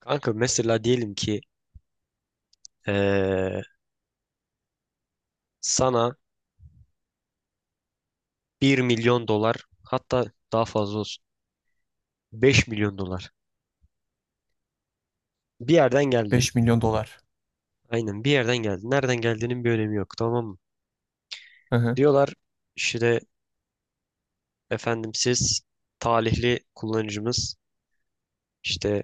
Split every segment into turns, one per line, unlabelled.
Kanka mesela diyelim ki eee, sana 1 milyon dolar hatta daha fazla olsun 5 milyon dolar bir yerden geldi.
5 milyon dolar.
Aynen bir yerden geldi. Nereden geldiğinin bir önemi yok, tamam mı?
Hı hı.
Diyorlar işte efendim siz talihli kullanıcımız işte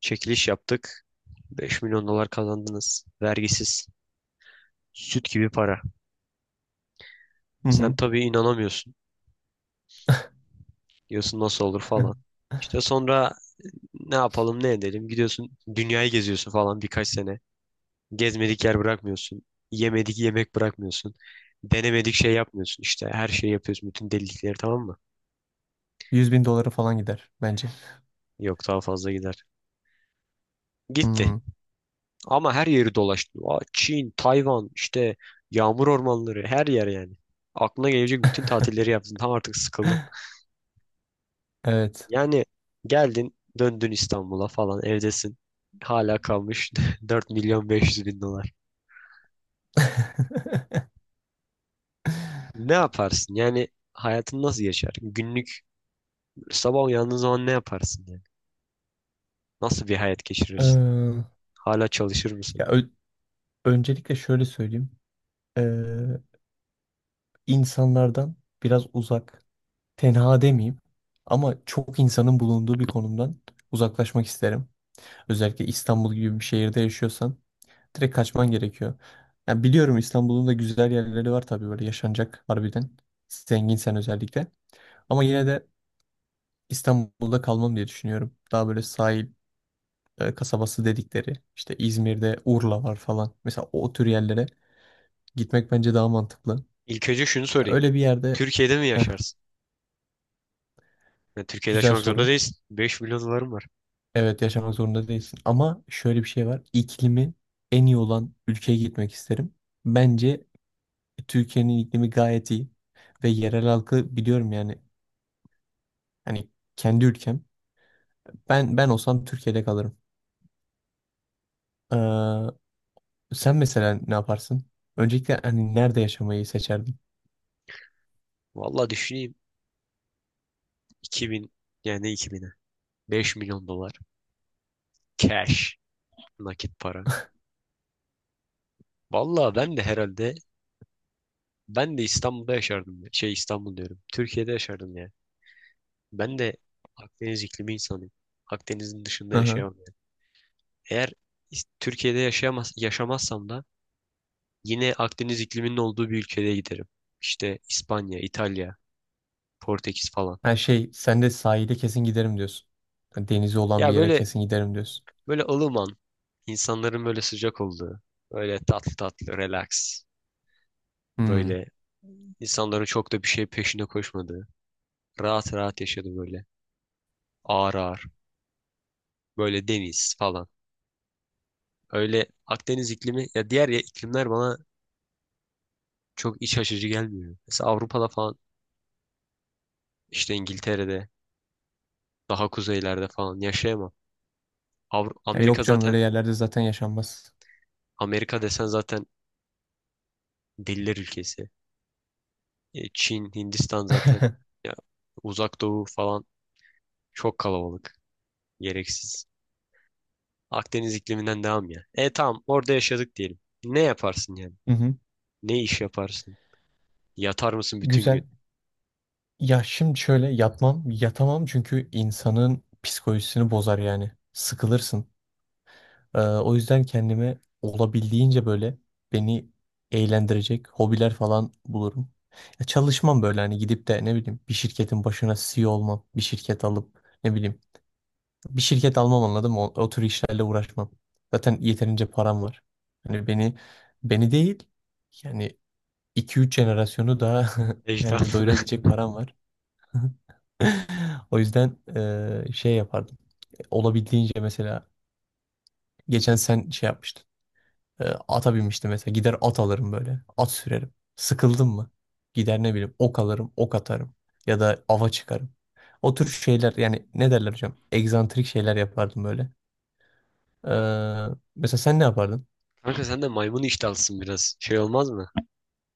çekiliş yaptık. 5 milyon dolar kazandınız. Vergisiz. Süt gibi para.
Hı
Sen
hı.
tabii inanamıyorsun. Diyorsun nasıl olur falan. İşte sonra ne yapalım ne edelim. Gidiyorsun dünyayı geziyorsun falan birkaç sene. Gezmedik yer bırakmıyorsun. Yemedik yemek bırakmıyorsun. Denemedik şey yapmıyorsun. İşte her şeyi yapıyorsun. Bütün delilikleri, tamam mı?
100 bin doları falan gider bence.
Yok, daha fazla gider. Gitti.
Hmm.
Ama her yeri dolaştı. Aa, Çin, Tayvan, işte yağmur ormanları, her yer yani. Aklına gelecek bütün tatilleri yaptın. Tam artık sıkıldın.
Evet.
Yani geldin döndün İstanbul'a falan evdesin. Hala kalmış 4.500.000 dolar. Ne yaparsın? Yani hayatın nasıl geçer? Günlük sabah uyandığın zaman ne yaparsın yani? Nasıl bir hayat geçirirsin?
Ee,
Hala çalışır mısın?
Ya öncelikle şöyle söyleyeyim. Ee, insanlardan biraz uzak, tenha demeyeyim ama çok insanın bulunduğu bir konumdan uzaklaşmak isterim. Özellikle İstanbul gibi bir şehirde yaşıyorsan direkt kaçman gerekiyor. Ya biliyorum İstanbul'un da güzel yerleri var tabii böyle yaşanacak harbiden. Zenginsen özellikle. Ama yine de İstanbul'da kalmam diye düşünüyorum. Daha böyle sahil kasabası dedikleri işte İzmir'de Urla var falan. Mesela o tür yerlere gitmek bence daha mantıklı.
İlk önce şunu
Ya
sorayım.
öyle bir yerde.
Türkiye'de mi
Heh,
yaşarsın? Yani Türkiye'de
güzel
yaşamak zorunda
soru.
değilsin. 5 milyon dolarım var.
Evet yaşamak zorunda değilsin ama şöyle bir şey var. İklimi en iyi olan ülkeye gitmek isterim. Bence Türkiye'nin iklimi gayet iyi ve yerel halkı biliyorum yani hani kendi ülkem. Ben olsam Türkiye'de kalırım. Ee, Sen mesela ne yaparsın? Öncelikle hani nerede yaşamayı seçerdin?
Vallahi düşüneyim. 2000 yani 2000'e. 5 milyon dolar. Cash. Nakit para. Vallahi ben de herhalde ben de İstanbul'da yaşardım. Şey, İstanbul diyorum. Türkiye'de yaşardım yani. Ben de Akdeniz iklimi insanıyım. Akdeniz'in dışında
Hı hı.
yaşayamam yani. Eğer Türkiye'de yaşamazsam da yine Akdeniz ikliminin olduğu bir ülkeye giderim. İşte İspanya, İtalya, Portekiz falan.
Her şey sen de sahile kesin giderim diyorsun. Yani denizi olan bir
Ya,
yere
böyle
kesin giderim diyorsun.
böyle ılıman, insanların böyle sıcak olduğu, böyle tatlı tatlı, relax,
Hmm.
böyle insanların çok da bir şey peşinde koşmadığı, rahat rahat yaşadığı böyle, ağır ağır, böyle deniz falan. Öyle Akdeniz iklimi, ya diğer ya iklimler bana çok iç açıcı gelmiyor. Mesela Avrupa'da falan, işte İngiltere'de, daha kuzeylerde falan yaşayamam. Avru-
Ya
Amerika
yok canım öyle
zaten
yerlerde zaten yaşanmaz.
Amerika desen zaten, diller ülkesi. E, Çin, Hindistan zaten. Ya, Uzak Doğu falan çok kalabalık. Gereksiz. Akdeniz ikliminden devam ya. E tamam, orada yaşadık diyelim. Ne yaparsın yani?
Hı hı.
Ne iş yaparsın? Yatar mısın bütün
Güzel.
gün?
Ya şimdi şöyle yatmam, yatamam çünkü insanın psikolojisini bozar yani. Sıkılırsın. O yüzden kendime olabildiğince böyle beni eğlendirecek hobiler falan bulurum. Ya çalışmam böyle hani gidip de ne bileyim bir şirketin başına CEO olmam, bir şirket alıp ne bileyim bir şirket almam anladım. O, o tür işlerle uğraşmam. Zaten yeterince param var. Hani beni beni değil yani iki üç jenerasyonu daha yani
Ejderhanı.
doyurabilecek param var. O yüzden şey yapardım. Olabildiğince mesela geçen sen şey yapmıştın. Ata binmiştim mesela. Gider at alırım böyle. At sürerim. Sıkıldım mı? Gider ne bileyim ok alırım, ok atarım. Ya da ava çıkarım. O tür şeyler yani ne derler hocam? Egzantrik şeyler yapardım böyle. Eee, Mesela sen ne yapardın?
Kanka sen de maymun iştahlısın biraz. Şey olmaz mı?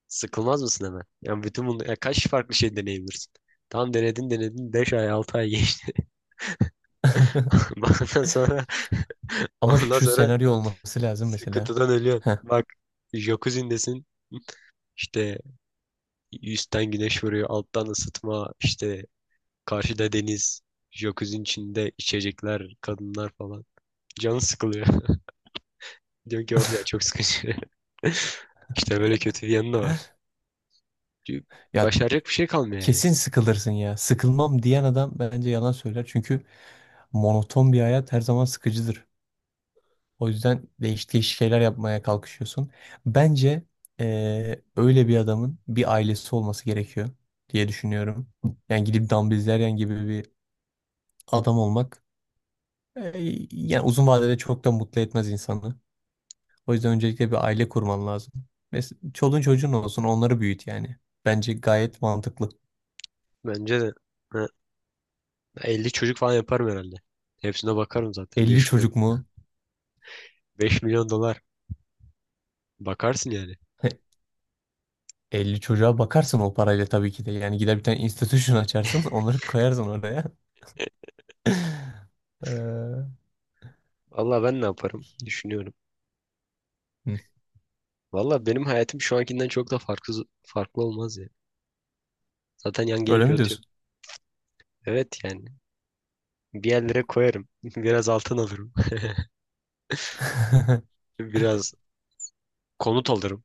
Sıkılmaz mısın hemen? Yani bütün bunu ya kaç farklı şey deneyebilirsin? Tam denedin denedin 5 ay 6 ay geçti. Ondan sonra
Ama
ondan
şu
sonra
senaryo olması lazım mesela.
sıkıntıdan ölüyorsun.
Heh.
Bak, jacuzzi'ndesin. İşte üstten güneş vuruyor, alttan ısıtma, işte karşıda deniz, jacuzzi'nin içinde içecekler, kadınlar falan. Canı sıkılıyor. Diyor ki of ya, çok sıkıcı. İşte böyle kötü bir yanı da var. Çünkü
Ya
başaracak bir şey kalmıyor yani.
kesin sıkılırsın ya. Sıkılmam diyen adam bence yalan söyler. Çünkü monoton bir hayat her zaman sıkıcıdır. O yüzden değişik değişik şeyler yapmaya kalkışıyorsun. Bence öyle bir adamın bir ailesi olması gerekiyor diye düşünüyorum. Yani gidip Dumb Bizleryen gibi bir adam olmak yani uzun vadede çok da mutlu etmez insanı. O yüzden öncelikle bir aile kurman lazım. Mesela çoluğun çocuğun olsun onları büyüt yani. Bence gayet mantıklı.
Bence de, ha, 50 çocuk falan yaparım herhalde. Hepsine bakarım zaten.
50
5 milyon.
çocuk mu?
5 milyon dolar. Bakarsın yani.
50 çocuğa bakarsın o parayla tabii ki de. Yani gider bir tane institution açarsın onları koyarsın oraya. Ee,
Valla ben ne yaparım düşünüyorum.
hı,
Valla benim hayatım şu ankinden çok da farklı farklı olmaz ya. Zaten yan
Öyle
gelip
mi diyorsun?
yatıyorum. Evet yani. Bir yerlere koyarım. Biraz altın alırım. Biraz konut alırım.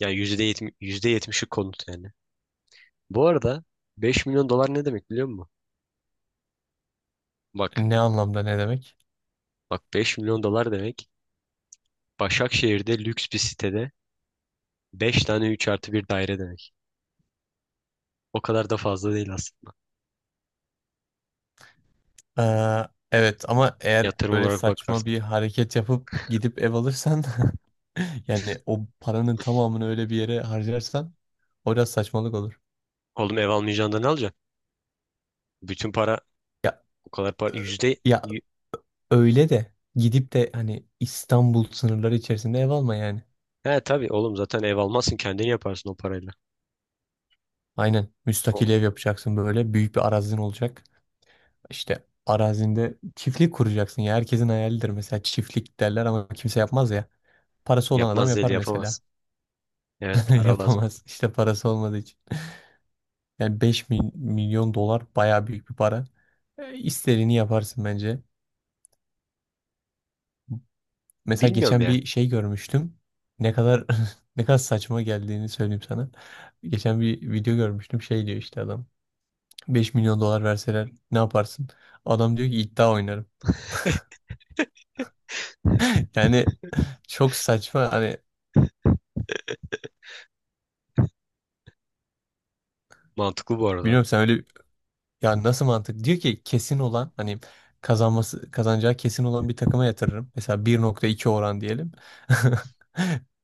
Yani yüzde yetmişi konut yani. Bu arada 5 milyon dolar ne demek biliyor musun? Bak.
Ne anlamda ne demek?
Bak, 5 milyon dolar demek. Başakşehir'de lüks bir sitede 5 tane 3+1 daire demek. O kadar da fazla değil aslında.
Evet ama eğer
Yatırım
böyle
olarak
saçma
bakarsan.
bir hareket yapıp gidip ev alırsan yani o paranın tamamını öyle bir yere harcarsan o biraz saçmalık olur.
Oğlum, ev almayacağın da ne alacaksın? Bütün para
Ya
o kadar para.
Ya
Yü-
öyle de gidip de hani İstanbul sınırları içerisinde ev alma yani.
He tabii oğlum, zaten ev almazsın, kendini yaparsın o parayla.
Aynen
O
müstakil ev yapacaksın böyle büyük bir arazin olacak. İşte arazinde çiftlik kuracaksın ya herkesin hayalidir mesela çiftlik derler ama kimse yapmaz ya. Parası olan adam
Yapmaz değil
yapar
yapamaz.
mesela.
Evet para lazım.
Yapamaz işte parası olmadığı için. Yani 5 milyon dolar baya büyük bir para. E, İstediğini yaparsın bence. Mesela
Bilmiyorum
geçen
ya.
bir şey görmüştüm. Ne kadar ne kadar saçma geldiğini söyleyeyim sana. Geçen bir video görmüştüm. Şey diyor işte adam. 5 milyon dolar verseler ne yaparsın? Adam diyor ki iddia oynarım. Yani çok saçma hani
Mantıklı bu arada.
bilmiyorum sen öyle ya nasıl mantık? Diyor ki kesin olan hani kazanması kazanacağı kesin olan bir takıma yatırırım. Mesela 1.2 oran diyelim.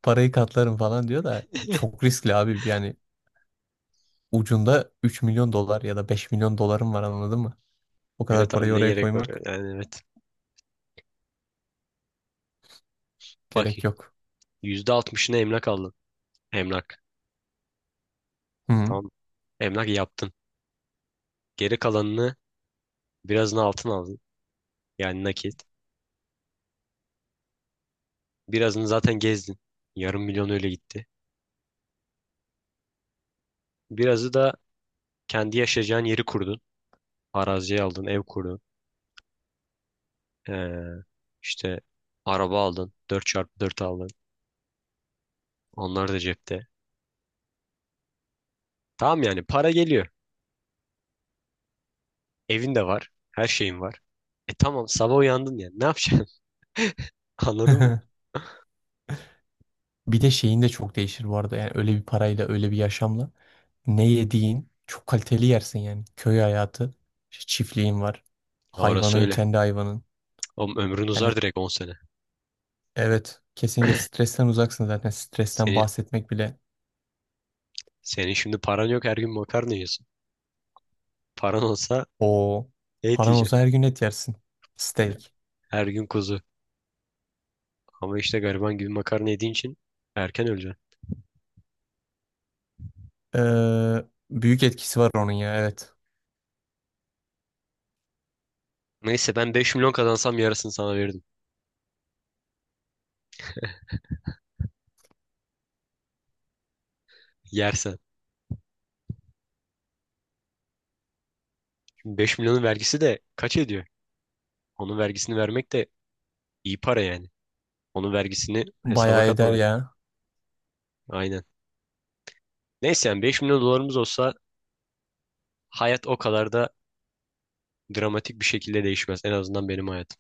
Parayı katlarım falan diyor da çok riskli abi. Yani ucunda 3 milyon dolar ya da 5 milyon dolarım var anladın. O kadar
Evet
parayı
abi, ne
oraya
gerek var
koymak
ya? Yani evet. Bak,
gerek yok.
%60'ını emlak aldın. Emlak.
Hı hı.
Tamam. Emlak yaptın. Geri kalanını, birazını altın aldın. Yani nakit. Birazını zaten gezdin. Yarım milyon öyle gitti. Birazı da kendi yaşayacağın yeri kurdun. Arazi aldın, ev kurdun. Ee, işte araba aldın. 4x4 aldın. Onlar da cepte. Tamam yani para geliyor. Evin de var. Her şeyin var. E tamam, sabah uyandın yani. Ne yapacaksın? Anladın mı?
Bir de şeyin de çok değişir bu arada. Yani öyle bir parayla, öyle bir yaşamla ne yediğin çok kaliteli yersin yani. Köy hayatı, işte çiftliğin var.
Ya orası
Hayvanın,
öyle.
kendi hayvanın.
Oğlum ömrün uzar
Yani
direkt 10 sene.
evet, kesinlikle stresten uzaksın zaten. Stresten
Senin,
bahsetmek bile.
senin şimdi paran yok, her gün makarna yiyorsun. Paran olsa
O
et
paran olsa
yiyeceksin.
her gün et yersin. Steak.
Her gün kuzu. Ama işte gariban gibi makarna yediğin için erken öleceksin.
Ee, Büyük etkisi var onun ya evet.
Neyse ben 5 milyon kazansam yarısını sana verirdim. Yersen. Şimdi 5 milyonun vergisi de kaç ediyor? Onun vergisini vermek de iyi para yani. Onun vergisini hesaba
Bayağı eder
katmadık.
ya.
Aynen. Neyse yani 5 milyon dolarımız olsa hayat o kadar da dramatik bir şekilde değişmez. En azından benim hayatım.